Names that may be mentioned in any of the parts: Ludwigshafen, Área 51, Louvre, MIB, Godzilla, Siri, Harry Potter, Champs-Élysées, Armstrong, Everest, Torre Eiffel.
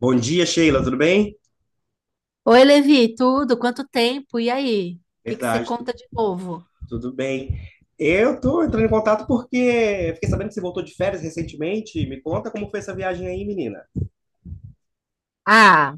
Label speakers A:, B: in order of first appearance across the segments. A: Bom dia, Sheila, tudo bem?
B: Oi, Levi, tudo? Quanto tempo? E aí? O que que você
A: Verdade, tu-
B: conta de novo?
A: Tudo bem. Eu tô entrando em contato porque fiquei sabendo que você voltou de férias recentemente. Me conta como foi essa viagem aí, menina.
B: Ah,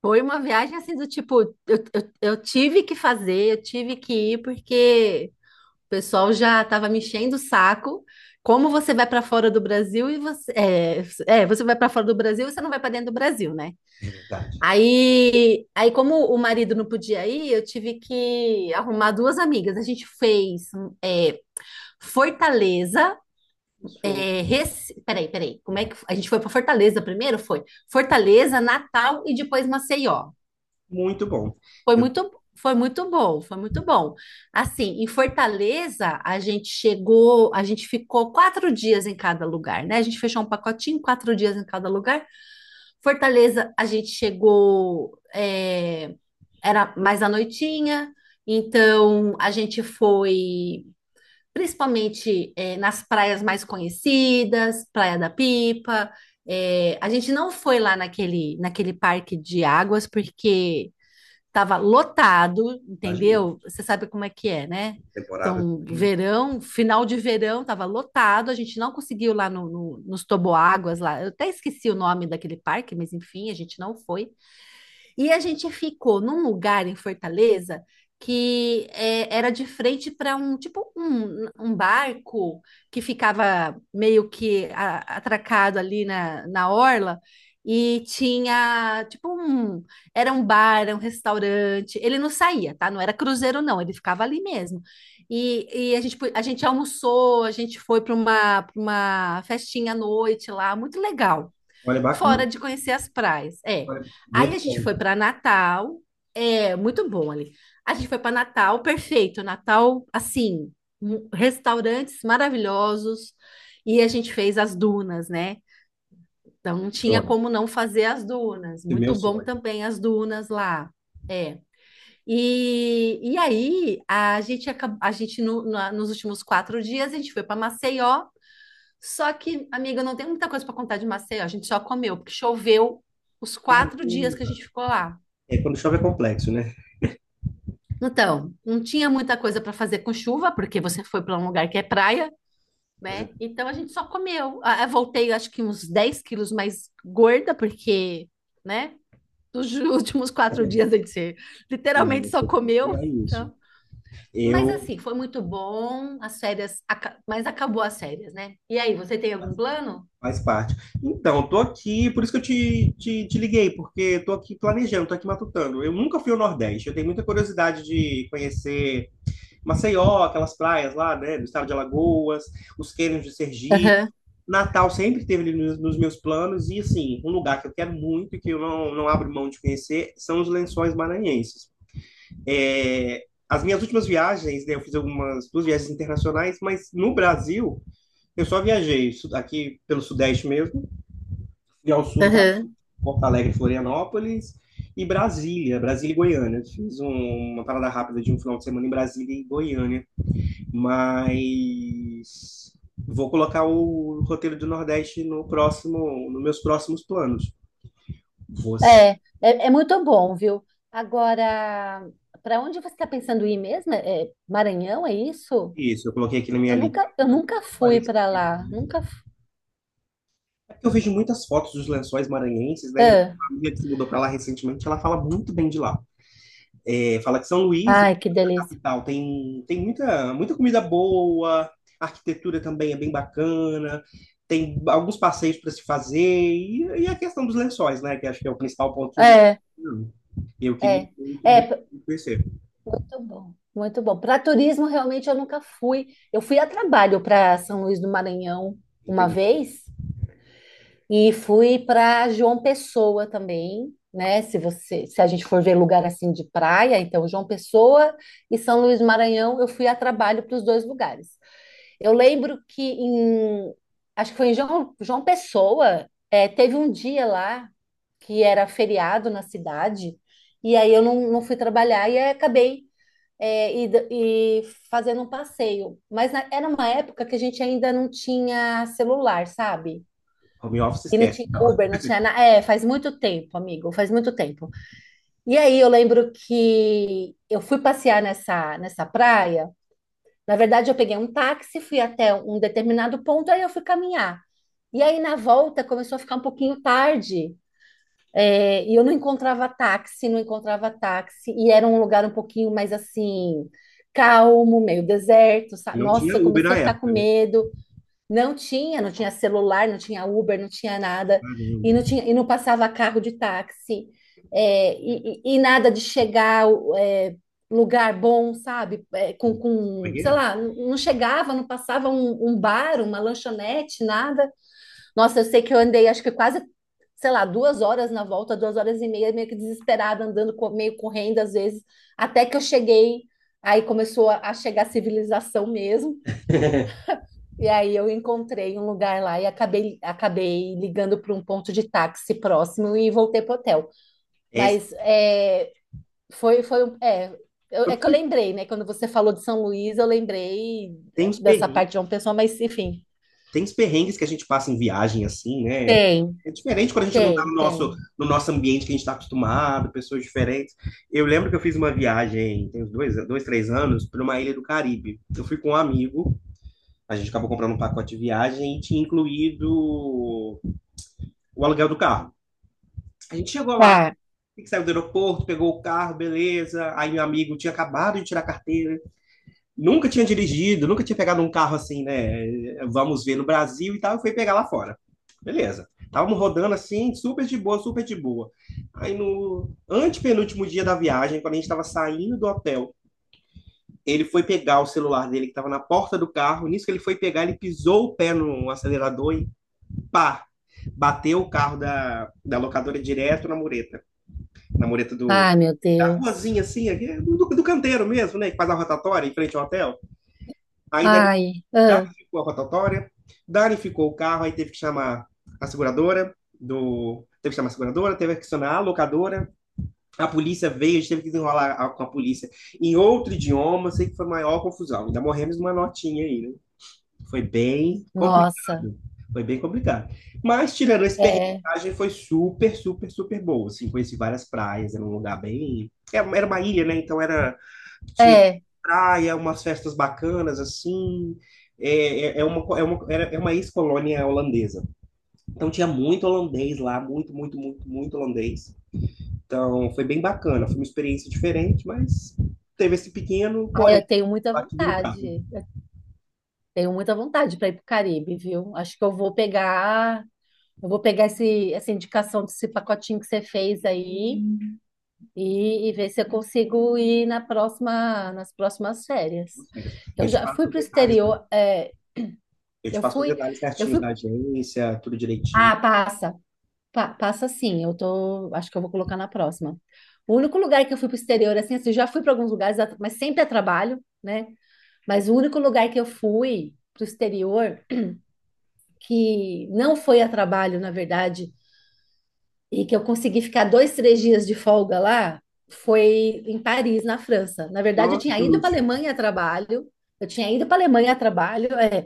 B: foi uma viagem assim do tipo, eu tive que fazer, eu tive que ir porque o pessoal já estava me enchendo o saco. Como você vai para fora do Brasil e você vai para fora do Brasil e você não vai para dentro do Brasil, né?
A: É verdade.
B: Aí como o marido não podia ir, eu tive que arrumar duas amigas. A gente fez é, Fortaleza.
A: Show.
B: É, Peraí, peraí. Como é que a gente foi para Fortaleza primeiro? Foi Fortaleza, Natal e depois Maceió.
A: Muito bom.
B: Foi
A: Eu
B: muito, foi muito bom, foi muito bom. Assim, em Fortaleza a gente chegou, a gente ficou 4 dias em cada lugar, né? A gente fechou um pacotinho, 4 dias em cada lugar. Fortaleza a gente chegou, era mais à noitinha. Então a gente foi principalmente nas praias mais conhecidas, Praia da Pipa. É, a gente não foi lá naquele parque de águas porque estava lotado,
A: imagino.
B: entendeu? Você sabe como é que é, né?
A: Temporada.
B: Então,
A: Também, né?
B: verão, final de verão, estava lotado, a gente não conseguiu lá no, no, nos toboáguas lá. Eu até esqueci o nome daquele parque, mas enfim, a gente não foi. E a gente ficou num lugar em Fortaleza que era de frente para um tipo um barco que ficava meio que atracado ali na orla e tinha tipo um era um bar, era um restaurante. Ele não saía, tá? Não era cruzeiro não, ele ficava ali mesmo. E a gente almoçou, a gente foi para pra uma festinha à noite lá, muito legal.
A: Olha,
B: Fora
A: bacana.
B: de conhecer as praias.
A: Olha,
B: Aí
A: muito
B: a gente
A: bom.
B: foi para Natal, é muito bom ali. A gente foi para Natal, perfeito. Natal, assim, restaurantes maravilhosos e a gente fez as dunas, né? Então não
A: Um
B: tinha
A: sonho.
B: como não fazer as dunas.
A: É meu
B: Muito bom
A: sonho.
B: também as dunas lá. É. E aí a gente acabou, a gente nos últimos 4 dias a gente foi para Maceió, só que, amiga, não tem muita coisa para contar de Maceió, a gente só comeu, porque choveu os 4 dias que a
A: Caramba.
B: gente ficou lá.
A: É, quando chove é complexo, né?
B: Então, não tinha muita coisa para fazer com chuva, porque você foi para um lugar que é praia,
A: Mas é,
B: né? Então a gente só comeu. Ah, eu voltei, acho que uns 10 quilos mais gorda, porque, né? Nos últimos 4 dias a gente
A: não,
B: literalmente
A: eu
B: só
A: sei como é que
B: comeu.
A: é isso.
B: Então. Mas
A: Eu
B: assim, foi muito bom, as férias, mas acabou as férias, né? E aí, você tem algum plano?
A: Faz parte. Então, tô aqui, por isso que eu te liguei, porque tô aqui planejando, tô aqui matutando. Eu nunca fui ao Nordeste, eu tenho muita curiosidade de conhecer Maceió, aquelas praias lá, né, do estado de Alagoas, os cânions de Sergipe.
B: Aham,
A: Natal sempre esteve ali nos meus planos, e assim, um lugar que eu quero muito e que eu não abro mão de conhecer são os Lençóis Maranhenses. É, as minhas últimas viagens, né, eu fiz algumas duas viagens internacionais, mas no Brasil eu só viajei aqui pelo Sudeste mesmo. Fui ao sul do Pará,
B: aham.
A: Porto Alegre, Florianópolis e Brasília, Brasília e Goiânia. Uma parada rápida de um final de semana em Brasília e Goiânia, mas vou colocar o roteiro do Nordeste no próximo, nos meus próximos planos. Você,
B: É, é, é muito bom, viu? Agora, para onde você está pensando em ir mesmo? É, é Maranhão, é isso?
A: isso, eu coloquei aqui na minha lista.
B: Eu nunca fui para lá, nunca. Fu-
A: É porque eu vejo muitas fotos dos lençóis maranhenses, né? E eu tenho
B: Ah,
A: uma amiga que se mudou para lá recentemente, ela fala muito bem de lá. É, fala que São Luís
B: ai, que delícia.
A: capital. Tem muita, muita comida boa, a arquitetura também é bem bacana, tem alguns passeios para se fazer, e, a questão dos lençóis, né? Que acho que é o principal ponto turístico.
B: É,
A: Hum. E eu queria
B: é,
A: muito,
B: é
A: muito
B: p-
A: conhecer.
B: muito bom, muito bom. Para turismo, realmente eu nunca fui. Eu fui a trabalho para São Luís do Maranhão
A: Não
B: uma
A: tem
B: vez. E fui para João Pessoa também, né? Se a gente for ver lugar assim de praia, então João Pessoa e São Luís do Maranhão, eu fui a trabalho para os dois lugares. Eu lembro acho que foi em João Pessoa, teve um dia lá que era feriado na cidade, e aí eu não fui trabalhar e aí acabei é, ida- e, fazendo um passeio. Mas era uma época que a gente ainda não tinha celular, sabe?
A: home office,
B: E não
A: esquece.
B: tinha
A: Então.
B: Uber, não tinha nada. É, faz muito tempo, amigo, faz muito tempo. E aí eu lembro que eu fui passear nessa praia. Na verdade, eu peguei um táxi, fui até um determinado ponto, aí eu fui caminhar. E aí na volta começou a ficar um pouquinho tarde. E eu não encontrava táxi, não encontrava táxi. E era um lugar um pouquinho mais assim, calmo, meio deserto.
A: E não tinha
B: Nossa, eu
A: Uber
B: comecei
A: na
B: a ficar com
A: época, né?
B: medo. Não tinha, não tinha celular, não tinha Uber, não tinha nada,
A: Caramba.
B: e não passava carro de táxi, nada de chegar é, lugar bom, sabe? É,
A: Como é
B: com,
A: que
B: sei
A: é?
B: lá, não chegava, não passava um bar, uma lanchonete, nada. Nossa, eu sei que eu andei, acho que quase, sei lá, 2 horas na volta, 2 horas e meia, meio que desesperada, andando, meio correndo às vezes, até que eu cheguei, aí começou a chegar a civilização mesmo. E aí eu encontrei um lugar lá e acabei ligando para um ponto de táxi próximo e voltei pro hotel.
A: É,
B: Mas é, foi, foi, um- é, eu- é que eu lembrei, né? Quando você falou de São Luís, eu lembrei
A: tem uns
B: dessa
A: perrengues,
B: parte de João Pessoa, mas enfim,
A: tem os perrengues que a gente passa em viagem, assim, né?
B: tem,
A: É diferente quando a gente não tá
B: tem, tem.
A: no nosso ambiente que a gente tá acostumado, pessoas diferentes. Eu lembro que eu fiz uma viagem, tem uns dois, três anos, para uma ilha do Caribe. Eu fui com um amigo, a gente acabou comprando um pacote de viagem e tinha incluído o aluguel do carro. A gente chegou lá,
B: Tá.
A: tem que sair do aeroporto, pegou o carro, beleza. Aí meu amigo tinha acabado de tirar a carteira, nunca tinha dirigido, nunca tinha pegado um carro assim, né? Vamos ver no Brasil e tal, e foi pegar lá fora. Beleza. Estávamos rodando assim, super de boa, super de boa. Aí no antepenúltimo dia da viagem, quando a gente estava saindo do hotel, ele foi pegar o celular dele que estava na porta do carro. Nisso que ele foi pegar, ele pisou o pé no acelerador e pá! Bateu o carro da locadora direto na mureta. Na mureta do,
B: Ai, meu
A: da
B: Deus.
A: ruazinha assim, aqui, do canteiro mesmo, né? Que faz a rotatória em frente ao hotel. Aí da
B: Ai, ah,
A: Danificou a rotatória, danificou o carro, aí teve que chamar a seguradora do. Teve que chamar a seguradora, teve que acionar a locadora, a polícia veio, a gente teve que desenrolar com a polícia em outro idioma, sei que foi a maior confusão. Ainda morremos numa notinha aí, né? Foi bem
B: nossa.
A: complicado. Foi bem complicado. Mas, tirando esse perrengue,
B: É,
A: a viagem foi super, super, super boa. Assim, conheci várias praias, era um lugar bem. Era uma ilha, né? Então era. Tinha
B: é.
A: praia, umas festas bacanas, assim. É, é, é uma, co- é uma, era- é uma ex-colônia holandesa. Então tinha muito holandês lá, muito, muito, muito, muito holandês. Então foi bem bacana. Foi uma experiência diferente, mas teve esse pequeno,
B: Ai, eu
A: porém,
B: tenho muita
A: abatido no carro.
B: vontade. Eu tenho muita vontade para ir pro Caribe, viu? Acho que eu vou pegar. Eu vou pegar essa indicação desse pacotinho que você fez aí e ver se eu consigo ir nas próximas férias. Eu
A: Eu te
B: já fui
A: passo os
B: para o
A: detalhes
B: exterior,
A: Eu te
B: eu
A: passo os
B: fui,
A: detalhes
B: eu
A: certinhos
B: fui.
A: da agência, tudo direitinho.
B: Ah, passa, passa sim. Eu tô, acho que eu vou colocar na próxima. O único lugar que eu fui para o exterior, assim, assim, eu já fui para alguns lugares, mas sempre a trabalho, né? Mas o único lugar que eu fui para o exterior que não foi a trabalho, na verdade, e que eu consegui ficar dois, três dias de folga lá, foi em Paris, na França. Na verdade, eu
A: Nossa,
B: tinha
A: que
B: ido
A: luxo.
B: para a Alemanha a trabalho, eu tinha ido para a Alemanha a trabalho.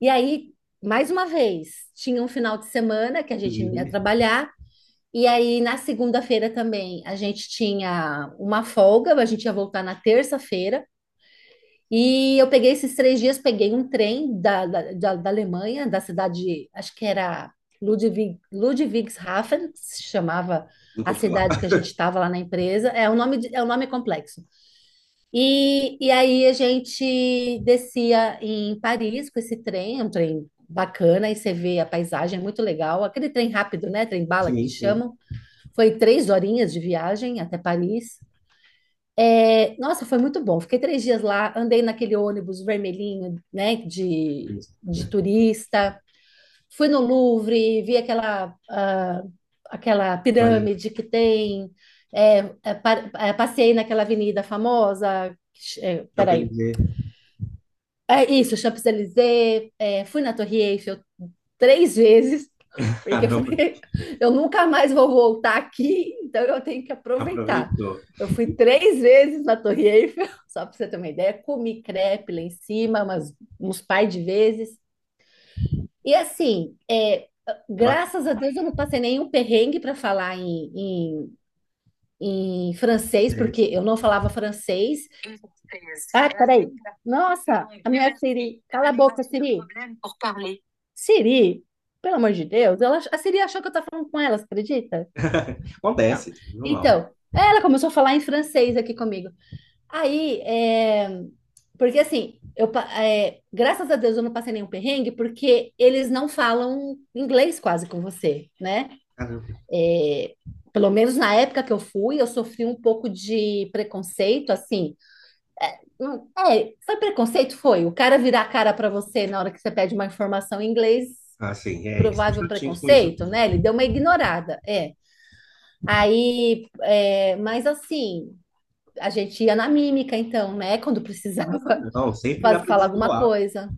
B: E aí, mais uma vez, tinha um final de semana que a gente não ia
A: Livre.
B: trabalhar, e aí na segunda-feira também a gente tinha uma folga, a gente ia voltar na terça-feira, e eu peguei esses 3 dias, peguei um trem da Alemanha, da cidade, acho que era Ludwigshafen, que se chamava
A: Nunca
B: a
A: ouvi falar.
B: cidade que a gente estava lá na empresa. É um nome, é um nome complexo. E aí a gente descia em Paris com esse trem, é um trem bacana, e você vê a paisagem, é muito legal. Aquele trem rápido, né? Trem bala que
A: Sim,
B: eles
A: sim.
B: chamam. Foi 3 horinhas de viagem até Paris. É, nossa, foi muito bom. Fiquei 3 dias lá, andei naquele ônibus vermelhinho, né,
A: Isso.
B: de turista. Fui no Louvre, vi aquela, ah, aquela
A: Valeu.
B: pirâmide que tem. Passei naquela avenida famosa. É, peraí.
A: Champs-Élysées.
B: É isso, Champs-Élysées. Fui na Torre Eiffel 3 vezes, porque eu
A: Caramba,
B: falei, eu nunca mais vou voltar aqui, então eu tenho que aproveitar.
A: aproveitou.
B: Eu fui 3 vezes na Torre Eiffel, só para você ter uma ideia, comi crepe lá em cima, uns par de vezes. E assim,
A: É bacana.
B: graças a Deus eu não passei nenhum perrengue para falar em francês,
A: É
B: porque
A: esse.
B: eu não falava francês. Ah, peraí. Nossa, a minha Siri. Cala a boca, Siri. Siri, pelo amor de Deus, ela, a Siri achou que eu estava falando com ela, você acredita? Não.
A: Acontece, normal.
B: Então, ela começou a falar em francês aqui comigo. Aí, porque assim, graças a Deus eu não passei nenhum perrengue, porque eles não falam inglês quase com você, né?
A: Caramba.
B: é, pelo menos na época que eu fui, eu sofri um pouco de preconceito, assim. Hum. É, foi preconceito? Foi. O cara virar a cara para você na hora que você pede uma informação em inglês,
A: Assim, é, eles são
B: provável
A: chatinhos com isso
B: preconceito,
A: mesmo.
B: né? Ele deu uma ignorada, é. Aí, mas assim, a gente ia na mímica, então, né? Quando precisava
A: Ah, não, sempre dá
B: fazer,
A: pra
B: falar alguma
A: desenrolar.
B: coisa.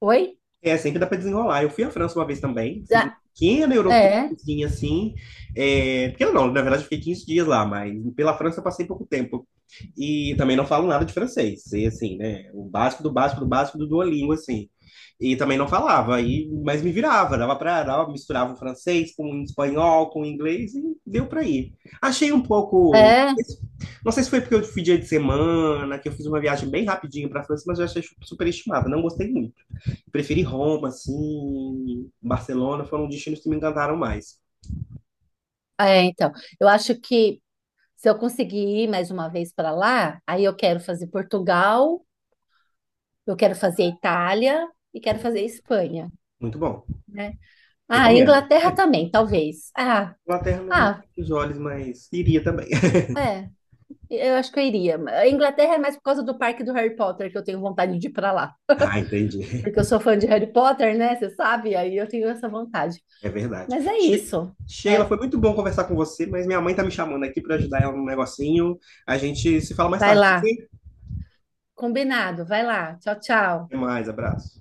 B: Oi?
A: É, sempre dá para desenrolar. Eu fui à França uma vez também, fiz uma
B: Ah,
A: pequena
B: é,
A: Eurotripzinha assim. É, pequena não, na verdade eu fiquei 15 dias lá, mas pela França eu passei pouco tempo. E também não falo nada de francês, e assim, né? O básico do básico do básico do Duolingo, assim. E também não falava, e, mas me virava, dava pra, dava, misturava o francês com o espanhol, com o inglês, e deu pra ir. Achei um pouco.
B: é,
A: Não sei se foi porque eu fui dia de semana, que eu fiz uma viagem bem rapidinho pra França, mas eu achei super estimada, não gostei muito. Preferi Roma, assim, Barcelona, foram destinos que me encantaram mais.
B: é, então. Eu acho que se eu conseguir ir mais uma vez para lá, aí eu quero fazer Portugal, eu quero fazer Itália e quero
A: Show.
B: fazer Espanha,
A: Muito bom.
B: né? Ah,
A: Recomendo.
B: Inglaterra também, talvez. Ah,
A: Inglaterra não
B: ah,
A: os olhos, mas iria também.
B: é. Eu acho que eu iria. A Inglaterra é mais por causa do parque do Harry Potter que eu tenho vontade de ir para lá.
A: Ah, entendi.
B: Porque eu sou fã de Harry Potter, né? Você sabe? Aí eu tenho essa vontade.
A: É verdade.
B: Mas é isso.
A: Sheila,
B: É.
A: foi muito bom conversar com você, mas minha mãe tá me chamando aqui para ajudar ela num negocinho. A gente se fala mais
B: Vai
A: tarde.
B: lá.
A: Ok?
B: Combinado. Vai lá. Tchau, tchau.
A: Até mais, abraço.